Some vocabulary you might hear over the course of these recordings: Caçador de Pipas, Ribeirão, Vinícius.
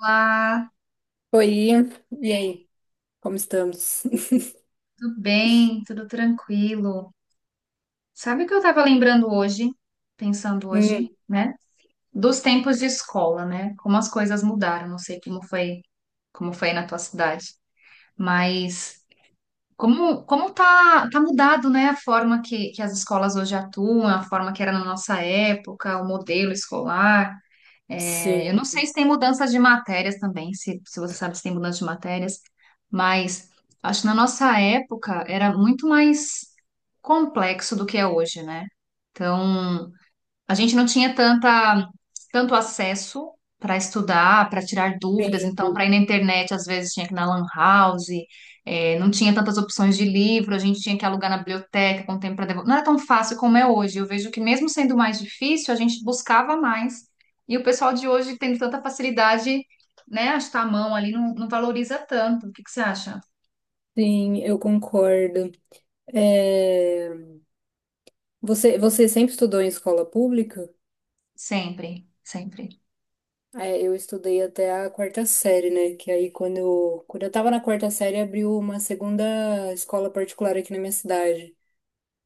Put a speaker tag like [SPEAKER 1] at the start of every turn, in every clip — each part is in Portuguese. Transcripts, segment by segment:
[SPEAKER 1] Olá,
[SPEAKER 2] Oi, e aí? Como estamos?
[SPEAKER 1] tudo bem? Tudo tranquilo? Sabe o que eu estava lembrando hoje, pensando hoje,
[SPEAKER 2] Hum,
[SPEAKER 1] né? Dos tempos de escola, né? Como as coisas mudaram, não sei como foi na tua cidade, mas como tá mudado, né? A forma que as escolas hoje atuam, a forma que era na nossa época, o modelo escolar. É,
[SPEAKER 2] sim,
[SPEAKER 1] eu não sei se tem mudanças de matérias também, se você sabe se tem mudança de matérias, mas acho que na nossa época era muito mais complexo do que é hoje, né? Então, a gente não tinha tanta, tanto acesso para estudar, para tirar dúvidas,
[SPEAKER 2] sim,
[SPEAKER 1] então, para ir na internet, às vezes tinha que ir na Lan House. Não tinha tantas opções de livro, a gente tinha que alugar na biblioteca com tempo para devolver. Não era tão fácil como é hoje. Eu vejo que, mesmo sendo mais difícil, a gente buscava mais. E o pessoal de hoje, tendo tanta facilidade, né, acho que tá a mão ali, não valoriza tanto. O que que você acha?
[SPEAKER 2] sim, eu concordo. É, Você sempre estudou em escola pública?
[SPEAKER 1] Sempre, sempre.
[SPEAKER 2] É, eu estudei até a quarta série, né? Que aí quando eu tava na quarta série, abriu uma segunda escola particular aqui na minha cidade.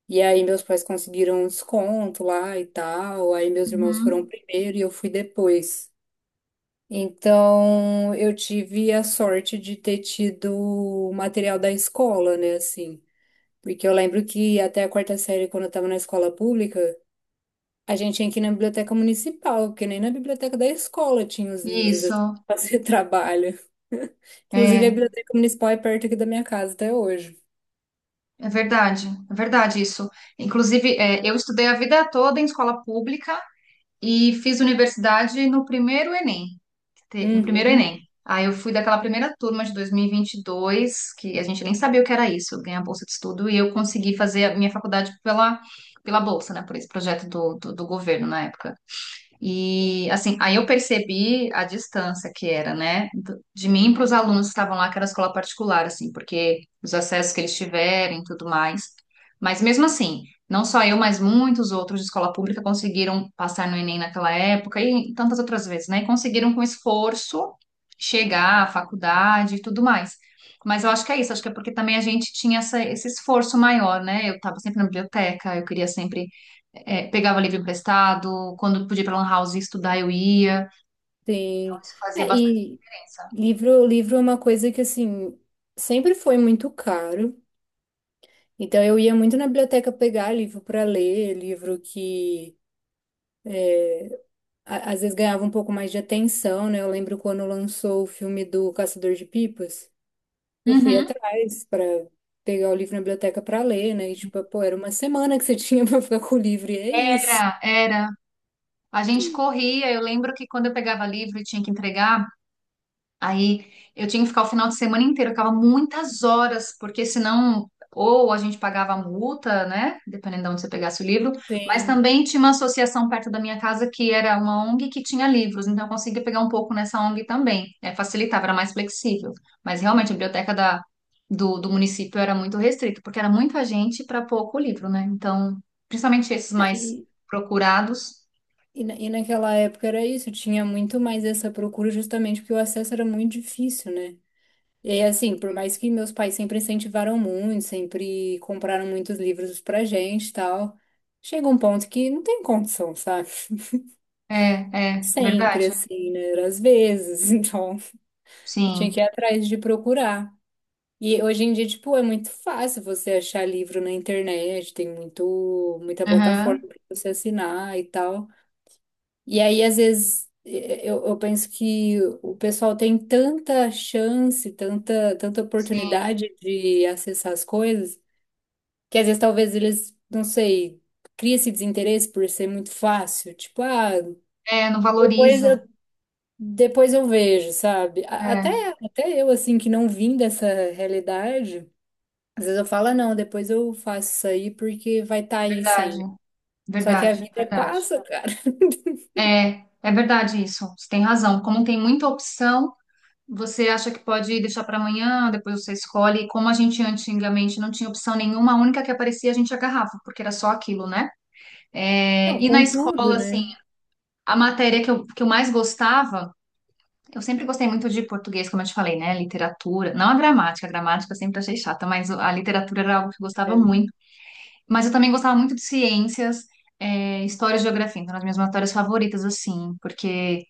[SPEAKER 2] E aí meus pais conseguiram um desconto lá e tal. Aí meus irmãos foram
[SPEAKER 1] Uhum.
[SPEAKER 2] primeiro e eu fui depois. Então, eu tive a sorte de ter tido material da escola, né, assim. Porque eu lembro que até a quarta série, quando eu estava na escola pública, a gente tinha que ir na biblioteca municipal, porque nem na biblioteca da escola tinha os livros assim,
[SPEAKER 1] Isso.
[SPEAKER 2] pra fazer trabalho. Inclusive, a
[SPEAKER 1] É.
[SPEAKER 2] biblioteca municipal é perto aqui da minha casa até hoje.
[SPEAKER 1] É verdade isso. Inclusive, é, eu estudei a vida toda em escola pública e fiz universidade no primeiro Enem, no primeiro Enem.
[SPEAKER 2] Uhum,
[SPEAKER 1] Aí eu fui daquela primeira turma de dois mil e vinte e dois, que a gente nem sabia o que era isso, ganhar bolsa de estudo, e eu consegui fazer a minha faculdade pela, pela bolsa, né, por esse projeto do governo na época. E assim, aí eu percebi a distância que era, né, de mim para os alunos que estavam lá, que era escola particular, assim, porque os acessos que eles tiverem e tudo mais. Mas mesmo assim, não só eu, mas muitos outros de escola pública conseguiram passar no Enem naquela época e tantas outras vezes, né? E conseguiram com esforço chegar à faculdade e tudo mais. Mas eu acho que é isso, acho que é porque também a gente tinha esse esforço maior, né? Eu estava sempre na biblioteca, eu queria sempre é, pegava livro emprestado, quando podia ir pra Lan House estudar, eu ia. Então,
[SPEAKER 2] sim.
[SPEAKER 1] isso fazia
[SPEAKER 2] É,
[SPEAKER 1] bastante
[SPEAKER 2] e
[SPEAKER 1] diferença.
[SPEAKER 2] livro, livro é uma coisa que, assim, sempre foi muito caro. Então eu ia muito na biblioteca pegar livro para ler, livro que às vezes ganhava um pouco mais de atenção, né? Eu lembro quando lançou o filme do Caçador de Pipas, eu fui
[SPEAKER 1] Uhum.
[SPEAKER 2] atrás para pegar o livro na biblioteca para ler, né? E tipo, pô, era uma semana que você tinha para ficar com o livro, e é isso.
[SPEAKER 1] Era, era. A gente corria. Eu lembro que quando eu pegava livro e tinha que entregar, aí eu tinha que ficar o final de semana inteiro, eu ficava muitas horas, porque senão ou a gente pagava a multa, né? Dependendo de onde você pegasse o livro, mas
[SPEAKER 2] Sim.
[SPEAKER 1] também tinha uma associação perto da minha casa que era uma ONG que tinha livros, então eu conseguia pegar um pouco nessa ONG também. É, facilitava, era mais flexível. Mas realmente a biblioteca da, do município era muito restrita, porque era muita gente para pouco livro, né? Então, principalmente esses
[SPEAKER 2] É,
[SPEAKER 1] mais procurados.
[SPEAKER 2] E naquela época era isso, tinha muito mais essa procura justamente porque o acesso era muito difícil, né? E assim, por mais que meus pais sempre incentivaram muito, sempre compraram muitos livros pra gente e tal, chega um ponto que não tem condição, sabe?
[SPEAKER 1] É, é, verdade.
[SPEAKER 2] Sempre assim, né? Era Às vezes, então eu tinha
[SPEAKER 1] Sim.
[SPEAKER 2] que ir atrás de procurar. E hoje em dia, tipo, é muito fácil você achar livro na internet, tem muito, muita plataforma
[SPEAKER 1] Aham.
[SPEAKER 2] pra você assinar e tal. E aí, às vezes, eu penso que o pessoal tem tanta chance, tanta, tanta
[SPEAKER 1] Sim.
[SPEAKER 2] oportunidade de acessar as coisas, que às vezes talvez eles, não sei, cria esse desinteresse por ser muito fácil. Tipo, ah,
[SPEAKER 1] É, não
[SPEAKER 2] depois eu,
[SPEAKER 1] valoriza.
[SPEAKER 2] depois eu vejo, sabe? A- Até,
[SPEAKER 1] É,
[SPEAKER 2] até eu, assim, que não vim dessa realidade, às vezes eu falo, "Ah, não, depois eu faço isso aí porque vai estar aí
[SPEAKER 1] verdade,
[SPEAKER 2] sempre." Só que a
[SPEAKER 1] verdade,
[SPEAKER 2] vida
[SPEAKER 1] verdade.
[SPEAKER 2] passa, cara.
[SPEAKER 1] É, é verdade isso. Você tem razão. Como tem muita opção, você acha que pode deixar para amanhã, depois você escolhe. E como a gente antigamente não tinha opção nenhuma, a única que aparecia a gente agarrava, porque era só aquilo, né? É,
[SPEAKER 2] Não,
[SPEAKER 1] e na
[SPEAKER 2] com tudo,
[SPEAKER 1] escola, assim,
[SPEAKER 2] né?
[SPEAKER 1] a matéria que eu mais gostava, eu sempre gostei muito de português, como eu te falei, né? Literatura, não a gramática, a gramática eu sempre achei chata, mas a literatura era algo que eu gostava
[SPEAKER 2] É.
[SPEAKER 1] muito. Mas eu também gostava muito de ciências, é, história e geografia, então eram as minhas matérias favoritas, assim, porque,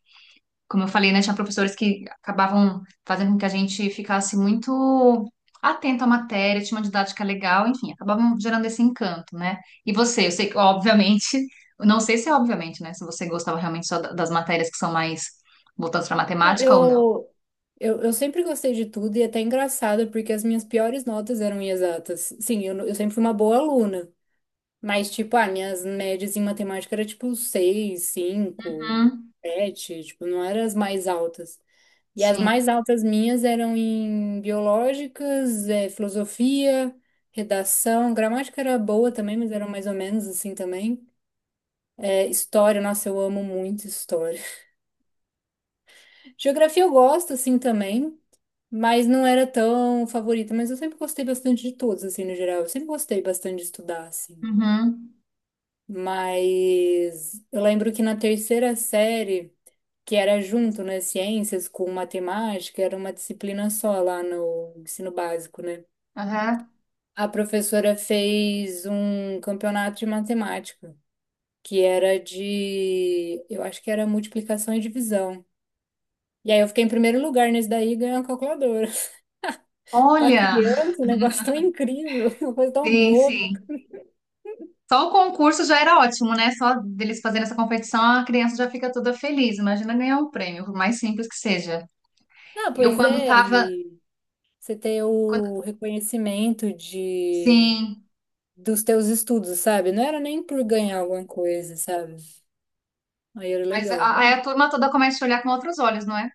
[SPEAKER 1] como eu falei, né, tinha professores que acabavam fazendo com que a gente ficasse muito atento à matéria, tinha uma didática legal, enfim, acabavam gerando esse encanto, né? E você, eu sei que, obviamente, eu não sei se é obviamente, né, se você gostava realmente só das matérias que são mais voltadas para
[SPEAKER 2] Ah,
[SPEAKER 1] matemática ou não.
[SPEAKER 2] Eu sempre gostei de tudo e é até engraçado, porque as minhas piores notas eram em exatas. Sim, eu sempre fui uma boa aluna, mas, tipo, ah, minhas médias em matemática era tipo 6 cinco
[SPEAKER 1] Uhum,
[SPEAKER 2] 7 tipo, não eram as mais altas. E as
[SPEAKER 1] sim.
[SPEAKER 2] mais altas minhas eram em biológicas, filosofia, redação, gramática era boa também, mas era mais ou menos assim também. História, nossa, eu amo muito história. Geografia eu gosto, assim, também, mas não era tão favorita. Mas eu sempre gostei bastante de todos, assim, no geral. Eu sempre gostei bastante de estudar, assim.
[SPEAKER 1] Uhum.
[SPEAKER 2] Mas eu lembro que na terceira série, que era junto, né, ciências com matemática, era uma disciplina só lá no ensino básico, né?
[SPEAKER 1] Aham.
[SPEAKER 2] A professora fez um campeonato de matemática, que era de, eu acho que era multiplicação e divisão. E aí eu fiquei em primeiro lugar nesse daí e ganhei uma calculadora. Pra
[SPEAKER 1] Olha,
[SPEAKER 2] criança, um negócio tão incrível, uma coisa tão
[SPEAKER 1] sim,
[SPEAKER 2] boba.
[SPEAKER 1] sim. Só o concurso já era ótimo, né? Só deles fazerem essa competição, a criança já fica toda feliz. Imagina ganhar um prêmio, por mais simples que seja.
[SPEAKER 2] Não,
[SPEAKER 1] Eu
[SPEAKER 2] pois
[SPEAKER 1] quando
[SPEAKER 2] é,
[SPEAKER 1] tava.
[SPEAKER 2] e você ter o
[SPEAKER 1] Quando-
[SPEAKER 2] reconhecimento de
[SPEAKER 1] Sim,
[SPEAKER 2] dos teus estudos, sabe? Não era nem por ganhar alguma coisa, sabe? Aí era
[SPEAKER 1] mas
[SPEAKER 2] legal.
[SPEAKER 1] aí a turma toda começa a te olhar com outros olhos, não é?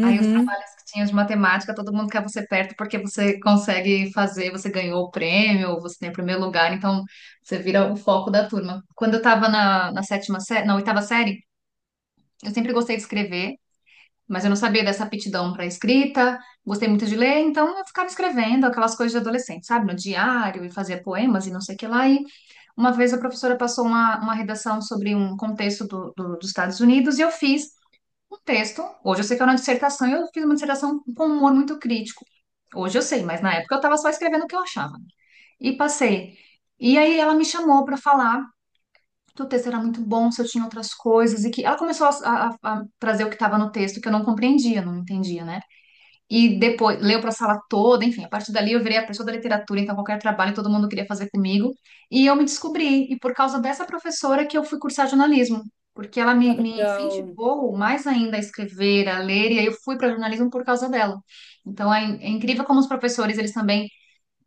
[SPEAKER 1] Aí os trabalhos que tinha de matemática, todo mundo quer você perto porque você consegue fazer, você ganhou o prêmio, você tem o primeiro lugar, então você vira o foco da turma. Quando eu tava na sétima série, na oitava série, eu sempre gostei de escrever. Mas eu não sabia dessa aptidão para escrita, gostei muito de ler, então eu ficava escrevendo aquelas coisas de adolescente, sabe? No diário e fazia poemas e não sei o que lá. E uma vez a professora passou uma redação sobre um contexto do, dos Estados Unidos e eu fiz um texto. Hoje eu sei que era uma dissertação, e eu fiz uma dissertação com um humor muito crítico. Hoje eu sei, mas na época eu estava só escrevendo o que eu achava. E passei. E aí ela me chamou para falar que o texto era muito bom, se eu tinha outras coisas, e que ela começou a trazer o que estava no texto que eu não compreendia, não entendia, né? E depois leu para a sala toda, enfim, a partir dali eu virei a pessoa da literatura, então qualquer trabalho todo mundo queria fazer comigo. E eu me descobri, e por causa dessa professora que eu fui cursar jornalismo, porque ela
[SPEAKER 2] Ah,
[SPEAKER 1] me,
[SPEAKER 2] que
[SPEAKER 1] me
[SPEAKER 2] legal.
[SPEAKER 1] incentivou mais ainda a escrever, a ler, e aí eu fui para jornalismo por causa dela. Então é, é incrível como os professores, eles também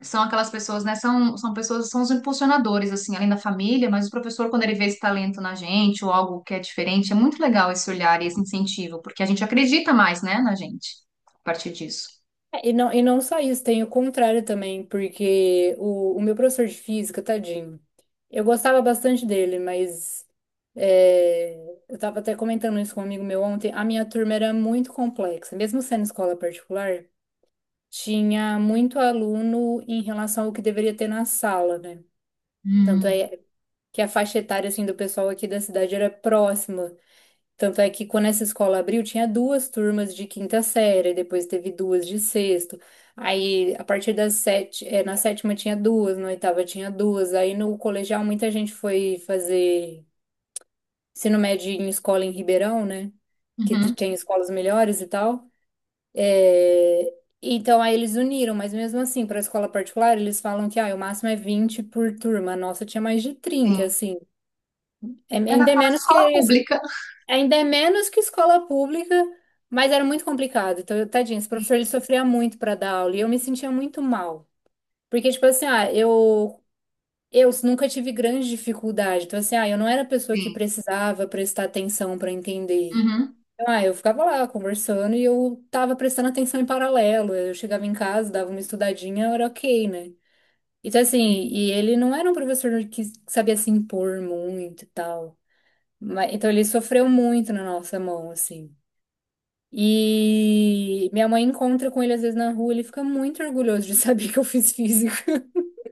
[SPEAKER 1] são aquelas pessoas, né? São, são pessoas, são os impulsionadores, assim, além da família, mas o professor, quando ele vê esse talento na gente ou algo que é diferente, é muito legal esse olhar e esse incentivo, porque a gente acredita mais, né, na gente, a partir disso.
[SPEAKER 2] É. E não só isso, tem o contrário também, porque o meu professor de física, tadinho, eu gostava bastante dele, mas é, eu estava até comentando isso com um amigo meu ontem, a minha turma era muito complexa, mesmo sendo escola particular, tinha muito aluno em relação ao que deveria ter na sala, né? Tanto
[SPEAKER 1] Hum.
[SPEAKER 2] é que a faixa etária, assim, do pessoal aqui da cidade era próxima. Tanto é que quando essa escola abriu, tinha duas turmas de quinta série, depois teve duas de sexto. Aí, a partir das sete, na sétima tinha duas, na oitava tinha duas. Aí, no colegial, muita gente foi fazer ensino médio em escola em Ribeirão, né? Que
[SPEAKER 1] Uhum.
[SPEAKER 2] tem escolas melhores e tal. Eh, Então, aí eles uniram, mas mesmo assim, para a escola particular, eles falam que ah, o máximo é 20 por turma. A nossa tinha mais de 30,
[SPEAKER 1] Sim.
[SPEAKER 2] assim. É,
[SPEAKER 1] É da
[SPEAKER 2] ainda é
[SPEAKER 1] quase
[SPEAKER 2] menos que a
[SPEAKER 1] escola pública.
[SPEAKER 2] Ainda é menos que escola pública, mas era muito complicado. Então, tadinho, esse professor ele
[SPEAKER 1] Sim,
[SPEAKER 2] sofria muito para dar aula e eu me sentia muito mal. Porque, tipo assim, ah, eu nunca tive grande dificuldade. Então, assim, ah, eu não era a pessoa que
[SPEAKER 1] sim.
[SPEAKER 2] precisava prestar atenção para entender.
[SPEAKER 1] Uhum.
[SPEAKER 2] Então, ah, eu ficava lá conversando e eu tava prestando atenção em paralelo. Eu chegava em casa, dava uma estudadinha, era ok, né? Então, assim,
[SPEAKER 1] Sim.
[SPEAKER 2] e ele não era um professor que sabia se impor muito e tal. Mas, então, ele sofreu muito na nossa mão, assim. E minha mãe encontra com ele às vezes na rua, ele fica muito orgulhoso de saber que eu fiz física.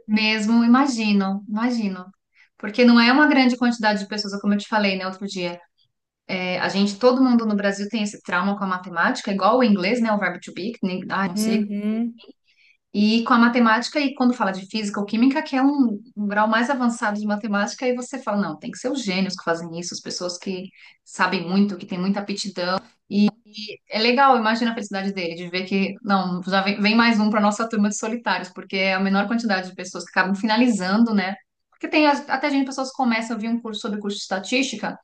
[SPEAKER 1] Mesmo, imagino, imagino. Porque não é uma grande quantidade de pessoas, como eu te falei, né, outro dia. É, a gente, todo mundo no Brasil tem esse trauma com a matemática, igual o inglês, né, o verbo to be, que nem, ah, não sei.
[SPEAKER 2] Uhum.
[SPEAKER 1] E com a matemática, e quando fala de física ou química, que é um, um grau mais avançado de matemática, aí você fala, não, tem que ser os gênios que fazem isso, as pessoas que sabem muito, que têm muita aptidão. E é legal, imagina a felicidade dele, de ver que, não, já vem, vem mais um para nossa turma de solitários, porque é a menor quantidade de pessoas que acabam finalizando, né? Porque tem até gente, pessoas que começam, eu vi um curso sobre curso de estatística,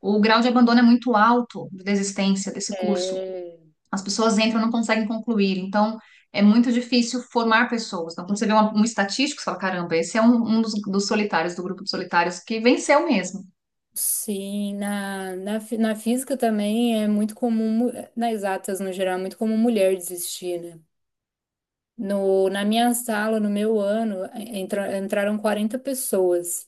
[SPEAKER 1] o grau de abandono é muito alto, de desistência desse curso.
[SPEAKER 2] É,
[SPEAKER 1] As pessoas entram e não conseguem concluir. Então, é muito difícil formar pessoas. Então, quando você vê um estatístico, você fala, caramba, esse é um, um dos solitários, do grupo de solitários, que venceu mesmo.
[SPEAKER 2] sim, na física também é muito comum, nas exatas no geral, é muito comum mulher desistir, né? No, na minha sala, no meu ano, entraram 40 pessoas.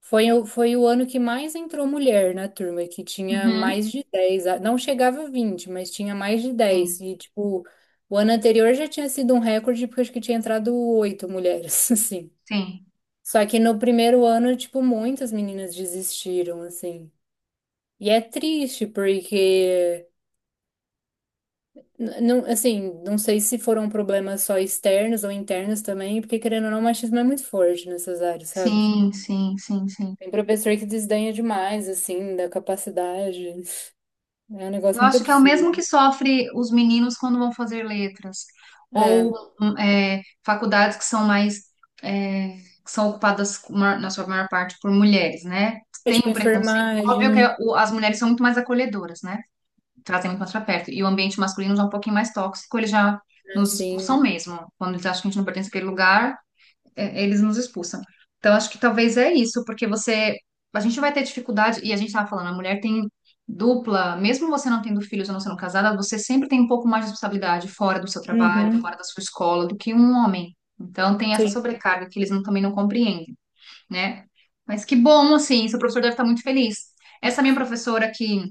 [SPEAKER 2] Foi o ano que mais entrou mulher na turma, que tinha
[SPEAKER 1] Uhum.
[SPEAKER 2] mais de 10 não chegava a 20, mas tinha mais de 10.
[SPEAKER 1] Sim,
[SPEAKER 2] E, tipo, o ano anterior já tinha sido um recorde, porque acho que tinha entrado oito mulheres, assim.
[SPEAKER 1] sim,
[SPEAKER 2] Só que no primeiro ano, tipo, muitas meninas desistiram, assim. E é triste, porque, não, assim, não sei se foram problemas só externos ou internos também, porque, querendo ou não, o machismo é muito forte nessas áreas, sabe?
[SPEAKER 1] sim, sim, sim, sim.
[SPEAKER 2] Tem professor que desdenha demais, assim, da capacidade. É um
[SPEAKER 1] Eu
[SPEAKER 2] negócio muito
[SPEAKER 1] acho que é o mesmo que
[SPEAKER 2] absurdo.
[SPEAKER 1] sofre os meninos quando vão fazer letras, ou
[SPEAKER 2] É,
[SPEAKER 1] é, faculdades que são mais, é, que são ocupadas na sua maior parte por mulheres, né?
[SPEAKER 2] é
[SPEAKER 1] Tem
[SPEAKER 2] tipo
[SPEAKER 1] o preconceito. Óbvio que
[SPEAKER 2] enfermagem,
[SPEAKER 1] é as mulheres são muito mais acolhedoras, né? Trazem muito mais pra perto. E o ambiente masculino já é um pouquinho mais tóxico, eles já nos expulsam
[SPEAKER 2] assim.
[SPEAKER 1] mesmo. Quando eles acham que a gente não pertence àquele lugar, é, eles nos expulsam. Então, acho que talvez é isso, porque você. A gente vai ter dificuldade, e a gente estava falando, a mulher tem dupla, mesmo você não tendo filhos ou não sendo casada, você sempre tem um pouco mais de responsabilidade fora do seu trabalho, fora
[SPEAKER 2] Uhum,
[SPEAKER 1] da sua escola, do que um homem. Então, tem essa
[SPEAKER 2] sim.
[SPEAKER 1] sobrecarga que eles também não compreendem, né? Mas que bom, assim, seu professor deve estar muito feliz. Essa minha professora que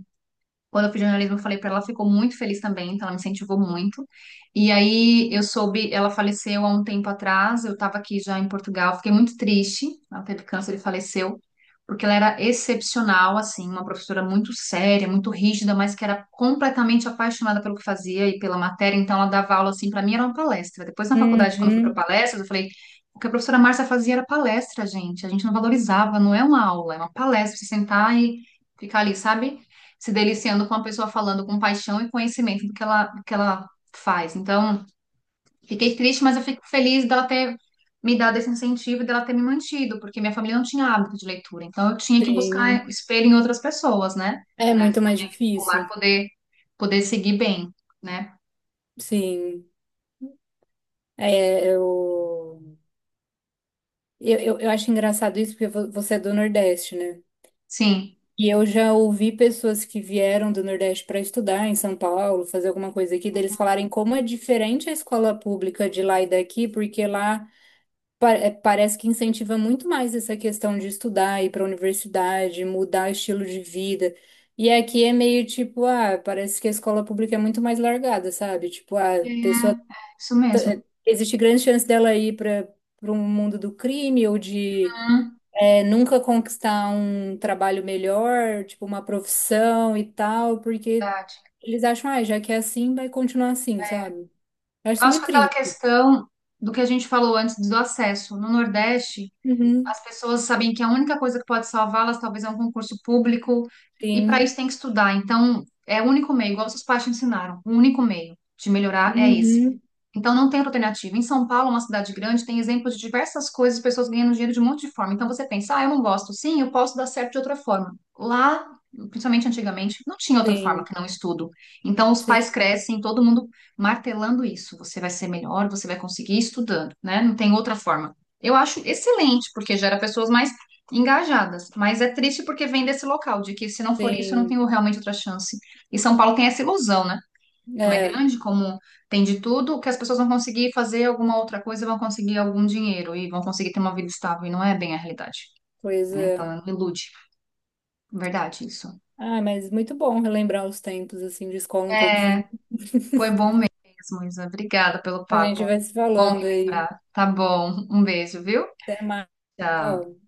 [SPEAKER 1] quando eu fiz jornalismo, eu falei pra ela, ela ficou muito feliz também, então ela me incentivou muito. E aí eu soube, ela faleceu há um tempo atrás, eu estava aqui já em Portugal, fiquei muito triste, ela teve câncer e faleceu, porque ela era excepcional, assim, uma professora muito séria, muito rígida, mas que era completamente apaixonada pelo que fazia e pela matéria, então ela dava aula, assim, pra mim era uma palestra. Depois na faculdade, quando eu fui para
[SPEAKER 2] Uhum,
[SPEAKER 1] palestras, eu falei, o que a professora Márcia fazia era palestra, gente, a gente não valorizava, não é uma aula, é uma palestra, você sentar e ficar ali, sabe? Se deliciando com a pessoa falando com paixão e conhecimento do que ela, faz. Então, fiquei triste, mas eu fico feliz dela ter me dado esse incentivo e dela ter me mantido, porque minha família não tinha hábito de leitura. Então, eu tinha que buscar
[SPEAKER 2] sim.
[SPEAKER 1] espelho em outras pessoas, né?
[SPEAKER 2] É
[SPEAKER 1] Para
[SPEAKER 2] muito mais
[SPEAKER 1] minha vida escolar
[SPEAKER 2] difícil.
[SPEAKER 1] poder, poder seguir bem, né?
[SPEAKER 2] Sim. É, eu, eu acho engraçado isso porque você é do Nordeste, né?
[SPEAKER 1] Sim.
[SPEAKER 2] E eu já ouvi pessoas que vieram do Nordeste para estudar em São Paulo, fazer alguma coisa aqui, deles falarem como é diferente a escola pública de lá e daqui, porque lá parece que incentiva muito mais essa questão de estudar, ir para a universidade, mudar o estilo de vida. E aqui é meio tipo, ah, parece que a escola pública é muito mais largada, sabe? Tipo, ah, a
[SPEAKER 1] É,
[SPEAKER 2] pessoa,
[SPEAKER 1] é isso mesmo.
[SPEAKER 2] existe grande chance dela ir para um mundo do crime ou de
[SPEAKER 1] Hum,
[SPEAKER 2] nunca conquistar um trabalho melhor, tipo uma profissão e tal, porque
[SPEAKER 1] verdade.
[SPEAKER 2] eles acham, ah, já que é assim, vai continuar assim, sabe? Eu acho
[SPEAKER 1] Eu
[SPEAKER 2] isso
[SPEAKER 1] acho
[SPEAKER 2] meio
[SPEAKER 1] que aquela
[SPEAKER 2] triste.
[SPEAKER 1] questão do que a gente falou antes do acesso no Nordeste,
[SPEAKER 2] Uhum,
[SPEAKER 1] as pessoas sabem que a única coisa que pode salvá-las talvez é um concurso público, e para
[SPEAKER 2] sim.
[SPEAKER 1] isso tem que estudar. Então, é o único meio, igual seus pais te ensinaram, o único meio de melhorar é esse.
[SPEAKER 2] Uhum,
[SPEAKER 1] Então não tem outra alternativa. Em São Paulo, uma cidade grande, tem exemplos de diversas coisas, pessoas ganhando dinheiro de um monte de forma. Então você pensa, ah, eu não gosto. Sim, eu posso dar certo de outra forma. Lá, principalmente antigamente, não tinha outra forma
[SPEAKER 2] sim.
[SPEAKER 1] que não estudo. Então os pais
[SPEAKER 2] Sim.
[SPEAKER 1] crescem, todo mundo martelando isso. Você vai ser melhor, você vai conseguir estudando, né? Não tem outra forma. Eu acho excelente, porque gera pessoas mais engajadas, mas é triste porque vem desse local, de que se não for isso, eu não
[SPEAKER 2] Sim.
[SPEAKER 1] tenho realmente outra chance. E São Paulo tem essa ilusão, né? Como é
[SPEAKER 2] É,
[SPEAKER 1] grande, como tem de tudo, que as pessoas vão conseguir fazer alguma outra coisa, vão conseguir algum dinheiro e vão conseguir ter uma vida estável, e não é bem a realidade,
[SPEAKER 2] pois
[SPEAKER 1] né? Então,
[SPEAKER 2] é.
[SPEAKER 1] não ilude. Verdade, isso.
[SPEAKER 2] Ah, mas muito bom relembrar os tempos, assim, de escola um pouquinho.
[SPEAKER 1] É, foi bom mesmo, Isa. Obrigada pelo
[SPEAKER 2] A gente
[SPEAKER 1] papo.
[SPEAKER 2] vai se
[SPEAKER 1] Bom
[SPEAKER 2] falando aí.
[SPEAKER 1] relembrar. Tá bom. Um beijo, viu?
[SPEAKER 2] Até mais.
[SPEAKER 1] Tchau.
[SPEAKER 2] Tchau.